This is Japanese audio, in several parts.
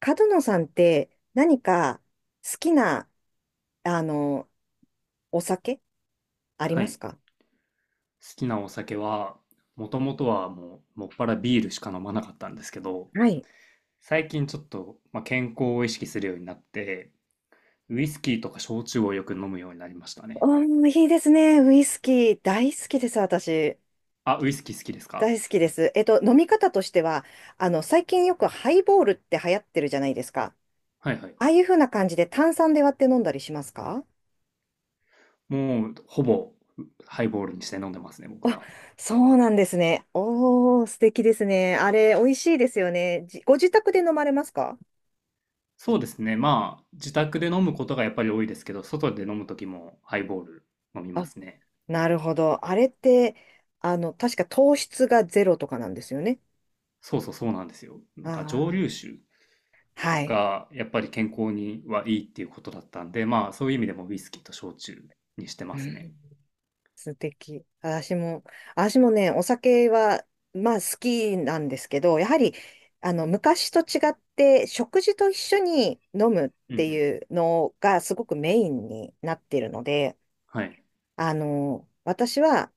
角野さんって何か好きな、あの、お酒ありはまい。す好か？きなお酒は、もともとはもっぱらビールしか飲まなかったんですけど、はい。最近ちょっと、健康を意識するようになって、ウイスキーとか焼酎をよく飲むようになりましたね。うん、いいですね。ウイスキー大好きです、私。あ、ウイスキー好きですか？大好きです。飲み方としては、最近よくハイボールって流行ってるじゃないですか。はいはい。ああいう風な感じで炭酸で割って飲んだりしますか？もう、ほぼ、ハイボールにして飲んでますね、僕あ、は。そうなんですね。おー、素敵ですね。あれ、美味しいですよね。ご自宅で飲まれますか？そうですね。まあ、自宅で飲むことがやっぱり多いですけど、外で飲むときもハイボール飲みまあ、すね。なるほど。あれって、確か糖質がゼロとかなんですよね。そうそうそうなんですよ。なあんか蒸留あ、酒はい。がやっぱり健康にはいいっていうことだったんで、まあそういう意味でもウイスキーと焼酎にしてうますね。ん、素敵。私もね、お酒は、まあ好きなんですけど、やはり、昔と違って、食事と一緒に飲むっうんうてん。いうのがすごくメインになってるので、はい。私は、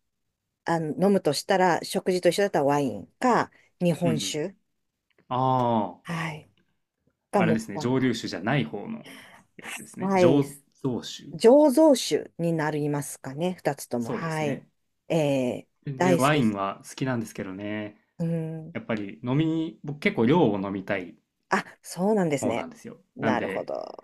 飲むとしたら、食事と一緒だったらワインか、日うんう本ん。酒、あはい、あ、があれもでっすね。ぱ蒸ら。留酒じゃない方のやつですね。はい。醸造酒。醸造酒になりますかね、二つとも。そうですはい。ね。えー、全然大好きワイでンす。は好きなんですけどね。うん。やっぱり飲みに、僕結構量を飲みたいあ、そうなんです方なね。んですよ。なんなるほで、ど。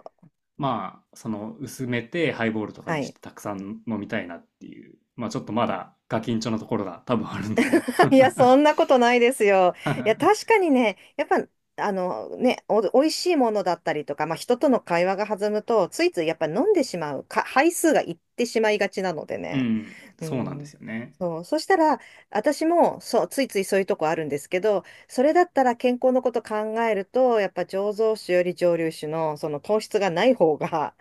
まあ、その薄めてハイボールとかはにしい。てたくさん飲みたいなっていう。まあちょっとまだガキンチョのところが多分あるんですよ。いや、そんなことないですよ。いや、確かにね、やっぱ、あのね、美味しいものだったりとか、まあ、人との会話が弾むと、ついついやっぱ飲んでしまう、杯数がいってしまいがちなのでうね。ん、うそうなんですん。よね。そう。そしたら、私も、そう、ついついそういうとこあるんですけど、それだったら健康のこと考えると、やっぱ醸造酒より蒸留酒の、その糖質がない方が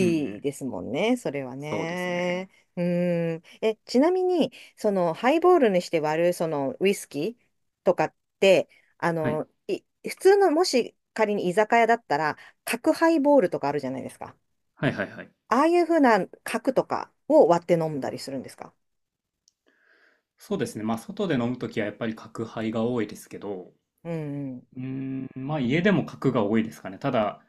うんういん。ですもんね、それはそうですね。ね。うん。ちなみに、そのハイボールにして割るそのウイスキーとかって、あはい。の、い、普通のもし仮に居酒屋だったら、角ハイボールとかあるじゃないですか。はいはいはい。ああいう風な角とかを割って飲んだりするんですか？そうですね。まあ、外で飲むときはやっぱり角杯が多いですけど、うんうん。うーん、まあ、家でも角が多いですかね。ただ、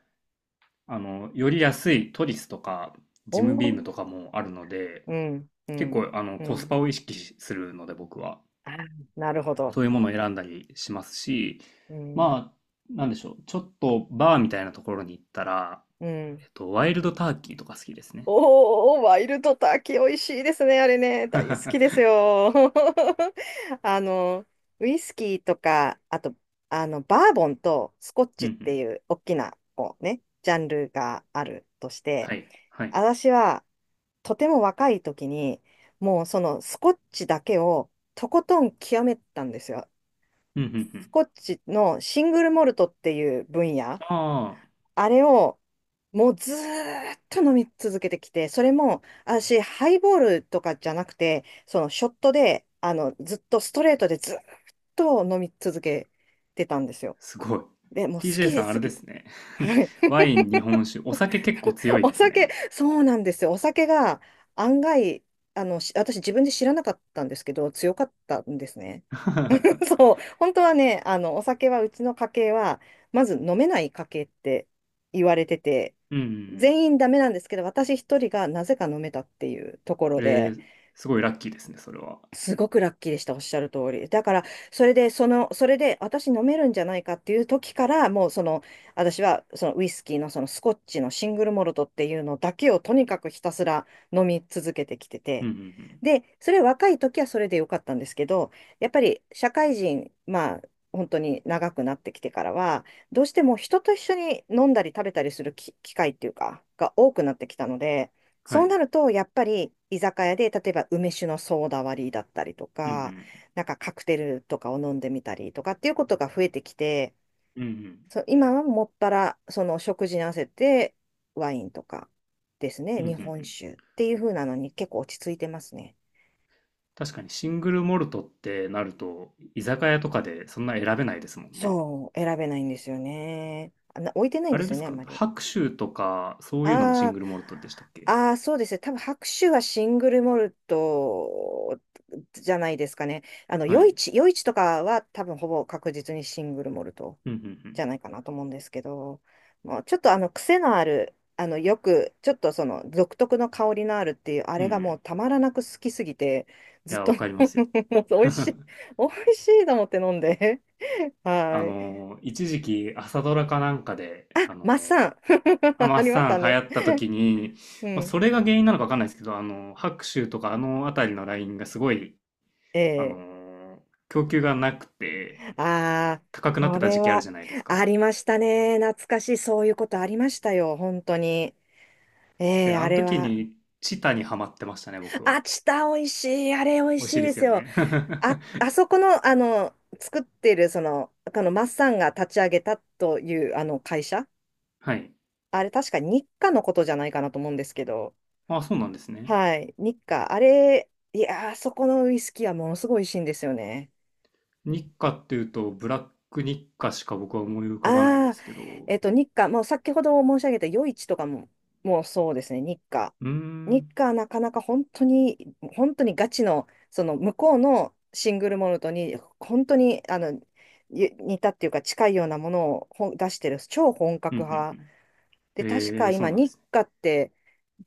より安いトリスとか、おジムビームー、とかもあるので、うん、う結ん、構、うコスパん。を意識しするので、僕は。あー、なるほど。そういうものを選んだりしますし、うん、まあ、なんでしょう。ちょっとバーみたいなところに行ったら、うん。ワイルドターキーとか好きですね。おー、ワイルドターキー美味しいですね、あれね。大好きですうよ。あの、ウイスキーとか、あと、バーボンとスコッんチうってんいう大きな、こうね、ジャンルがあるとして、はい。はい。私はとても若い時に、もうそのスコッチだけをとことん極めたんですよ。うんうんうスん。コッチのシングルモルトっていう分野。ああ、あれを、もうずーっと飲み続けてきて、それも、私、ハイボールとかじゃなくて、そのショットで、ずっとストレートでずーっと飲み続けてたんですよ。すごい。で、もう好 TJ きさん、あすれでぎすて。ね。はい。ワイン、日本酒、お酒結構強いおです酒、ね。そうなんですよ。お酒が案外、私自分で知らなかったんですけど、強かったんですね。そう、本当はね、お酒はうちの家系は、まず飲めない家系って言われてて、うんうん全員ダメなんですけど、私一人がなぜか飲めたっていうところうん。えで、ー、すごいラッキーですね、それは。すごくラッキーでした、おっしゃる通り。だから、それで、私飲めるんじゃないかっていう時から、もう、私は、ウイスキーの、スコッチのシングルモルトっていうのだけを、とにかくひたすら飲み続けてきてうんて。うんうん。で、それ、若い時はそれでよかったんですけど、やっぱり、社会人、まあ、本当に長くなってきてからは、どうしても人と一緒に飲んだり食べたりする機会っていうか、が多くなってきたので、はそうい。なると、やっぱり居酒屋で、例えば梅酒のソーダ割りだったりとうんうか、ん。なんかカクテルとかを飲んでみたりとかっていうことが増えてきて、うんうん。そう、今はもっぱら、その食事に合わせてワインとかですね、うんうん日う本ん。酒っていう風なのに結構落ち着いてますね。確かにシングルモルトってなると、居酒屋とかでそんな選べないですもんね。そう、選べないんですよね。あ、置いてないんあでれすでよすね、あんかまり。白州とか、そういうのもシンあグルモルトでしたっあ、け？ああ、そうですね。多分白州はシングルモルトじゃないですかね。はい。余市とかは多分ほぼ確実にシングルモルトうんうじんゃないかなと思うんですけど、もうちょっとあの癖のある、よく、ちょっとその独特の香りのあるっていう、あうん。うれんうがん。もいうたまらなく好きすぎて、ずっや、と わかもりますよ。う美味しい、美味しいと思って飲んで。はい。一時期朝ドラかなんかあ、で、マッサン アあマりましさたん流行ね。った時に、うまあ、ん。それが原因なのかわかんないですけど、あの、白州とかあの辺りのラインがすごい、あええ、の、供給がなくてああ、高くなっそてたれ時期あるはじゃないですあか。りましたね。懐かしい。そういうことありましたよ。本当に。えで、え、ああのれ時は。にチタにハマってましたね、僕は。あ、チタ美味しい。あれ美味美し味しいいでですすよよ。ね。あ、あそこの、作ってる、このマッサンが立ち上げたという、会社。はい。あれ、確か日課のことじゃないかなと思うんですけど。あ、そうなんですね。はい。日課。あれ、いやー、あそこのウイスキーはものすごい美味しいんですよね。日課っていうと、ブラック日課しか僕は思い浮かばないんでああ、すけど。日課、もう先ほど申し上げた夜市とかも、もうそうですね、日課。うーん。う日ん、課はなかなか本当に、本当にガチの、その向こうのシングルモルトに、本当にあのゆ似たっていうか近いようなものを出してる超本う格ん、う派ん。で、確えかー、そう今、なんで日すね。課って、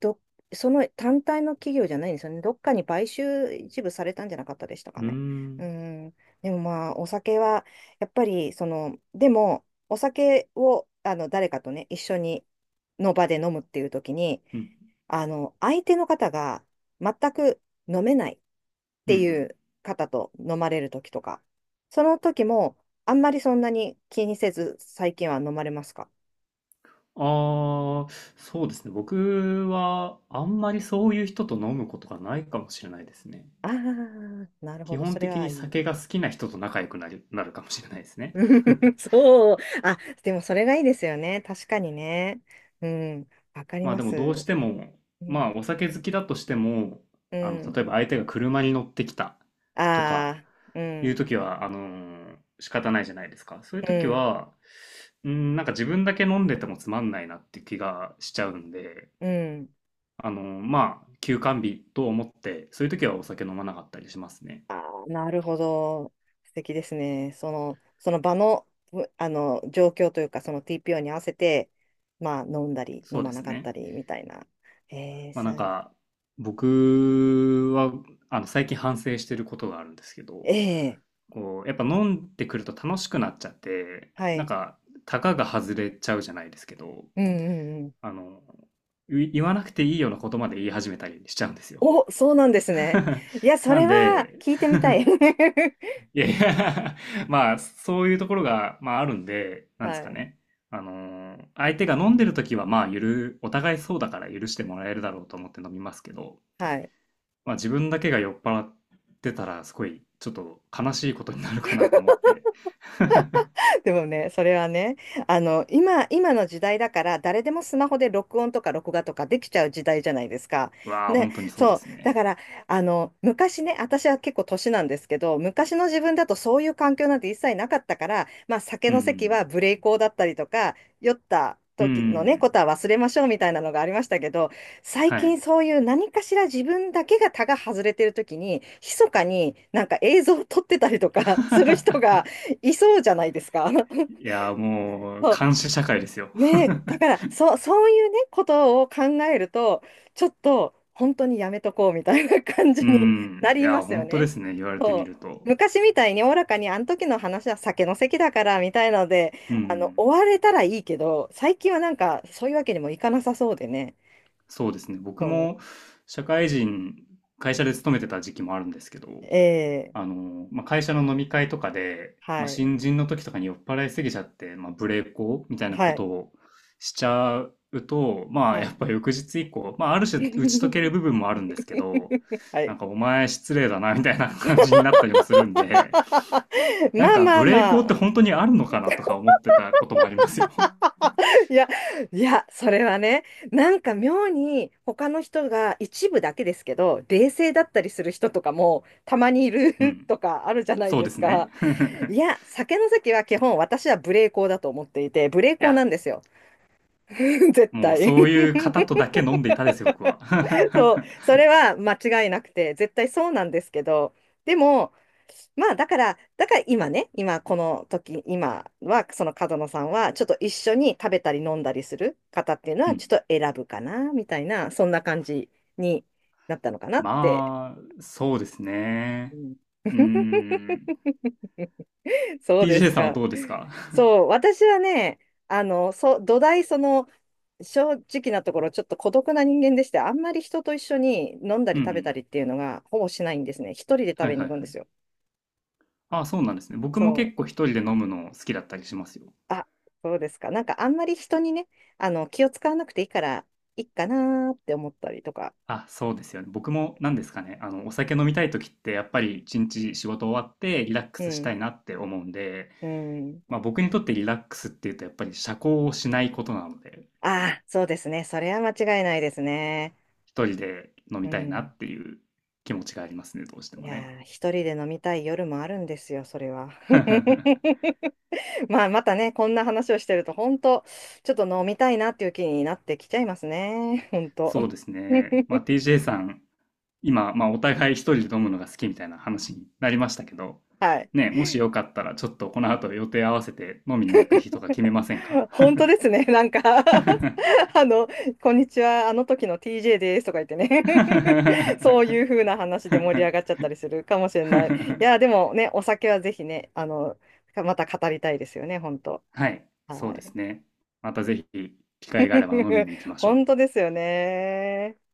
ど、その単体の企業じゃないんですよね。どっかに買収一部されたんじゃなかったでしたうかーね。うん。ん。でもまあ、お酒は、やっぱり、お酒を、誰かとね、一緒に、の場で飲むっていう時に、うん、相手の方が全く飲めないっうんてういん。う方と飲まれる時とか、その時も、あんまりそんなに気にせず、最近は飲まれますか？ああー、そうですね。僕はあんまりそういう人と飲むことがないかもしれないですね。ああ、なるほ基ど。そ本れ的はにいい。酒が好きな人と仲良くなる、なるかもしれないですね。そう。あ、でもそれがいいですよね。確かにね。うん。わかりまあまでもどうす。しても、うまあん。お酒好きだとしても、うあの、例えばん。相手が車に乗ってきたとかああ、ういうん。時は、仕方ないじゃないですか。そういうう時ん。は、うん、なんか自分だけ飲んでてもつまんないなって気がしちゃうんで、うん。まあ、休館日と思って、そういう時はお酒飲まなかったりしますね。ああ、なるほど。素敵ですね。その、その場の、うあの、状況というか、その TPO に合わせて、まあ、飲んだり、そ飲うでまなすかったね。り、みたいな。ええ、まあそなんう、か、僕は、最近反省してることがあるんですけど、ええ、こう、やっぱ飲んでくると楽しくなっちゃって、はなんい。か、たかが外れちゃうじゃないですけど、うんうんうん、あの、言わなくていいようなことまで言い始めたりしちゃうんですよ。お、そうなんですね。いや、そなれんはで、聞いてみたい。いやいや まあ、そういうところが、まあ、あるんで、なんではすかい。ね。相手が飲んでる時は、まあ、お互いそうだから許してもらえるだろうと思って飲みますけど、はい。まあ、自分だけが酔っ払ってたら、すごい、ちょっと悲しいことになるかなと思って。でもね、それはね、今の時代だから、誰でもスマホで録音とか録画とかできちゃう時代じゃないですか。うわあ、ね、本当にそうそでう。すだね。から、昔ね、私は結構年なんですけど、昔の自分だとそういう環境なんて一切なかったから、まあ、酒うの席はん、無礼講だったりとか、酔ったうん、う時のね、こん、とは忘れましょうみたいなのがありましたけど、最は近い。そういう何かしら自分だけが他が外れてる時に、密かになんか映像を撮ってたりとか する人が、いそうじゃないですか。いやー、もう、そう。監視社会ですよ。ねえ、だから、そう、そういうね、ことを考えると、ちょっと、本当にやめとこうみたいな感じうにん、ないりやまー、すよ本当でね。すね。言われてみそう。ると。昔みたいにおおらかに、あの時の話は酒の席だからみたいなので、うん。終われたらいいけど、最近はなんか、そういうわけにもいかなさそうでね。そうですね。僕そも社会人、会社で勤めてた時期もあるんですけど、う。ええ、まあ、会社の飲み会とかで、まあ、はい、新人の時とかに酔っ払いすぎちゃって、まあ、ブレーコみたいなはことい、をしちゃうと、まあ、はやっい。ぱ翌日以降、まあ、ある種打ち解ける 部分もあるんですけど、はない。んかお前失礼だなみたいな感じになったりもするんで、なんまあかまあブレーコっまてあ。本当にあるのかなとか思ってたこともありますよ。いや、いや、それはね、なんか妙に他の人が一部だけですけど、冷静だったりする人とかもたまにいる う ん。とかあるじゃないそうでですすね。か。い や、酒の席は基本私は無礼講だと思っていて、無礼い講なや、んですよ。絶もう対。そういう方とだけ飲んでいたですよ、僕は。そう、そ れは間違いなくて、絶対そうなんですけど、でも、だから今ね、今この時、今は、その角野さんは、ちょっと一緒に食べたり飲んだりする方っていうのうは、ん。ちょっと選ぶかな、みたいな、そんな感じになったのかなって。まあ、そうですうね。ん うー ん。そうで TJ すさんはか。どうですか？ そう、私はね、土台、正直なところ、ちょっと孤独な人間でして、あんまり人と一緒に飲んだうりんう食べたん。りっていうのがほぼしないんですね。一人で食はいべにはい行くんはでい。すよ。ああ、そうなんですね。僕もそう。結構一人で飲むの好きだったりしますよ。あ、そうですか。なんかあんまり人にね、気を使わなくていいから、いいかなーって思ったりとか。あ、そうですよね。僕も何ですかね。お酒飲みたい時ってやっぱり一日仕事終わってリラックうスしたん。いなって思うんで、うん。まあ僕にとってリラックスっていうとやっぱり社交をしないことなので、ああ、そうですね。それは間違いないですね。一人で飲うみたいなん。っていう気持ちがありますね、どうしていもやね。ー、一人で飲みたい夜もあるんですよ、それは。まあ、またね、こんな話をしてると、本当ちょっと飲みたいなっていう気になってきちゃいますね。本当 そうですね。まあ、TJ さん、今、まあ、お互い一人で飲むのが好きみたいな話になりましたけど、はい。ね、もしよかったら、ちょっとこの後予定合わせて飲みに行く日とか決めませんか？ 本当ですね。なんか あの、こんにちは、あの時の TJ ですとか言ってね そういう風な話で盛り上がっちゃったりするかもしれない。いや、でもね、お酒はぜひね、また語りたいですよね、本当はい、そはうでい。すね。またぜひ、機会があれば飲み に行きまし本ょ当う。ですよね。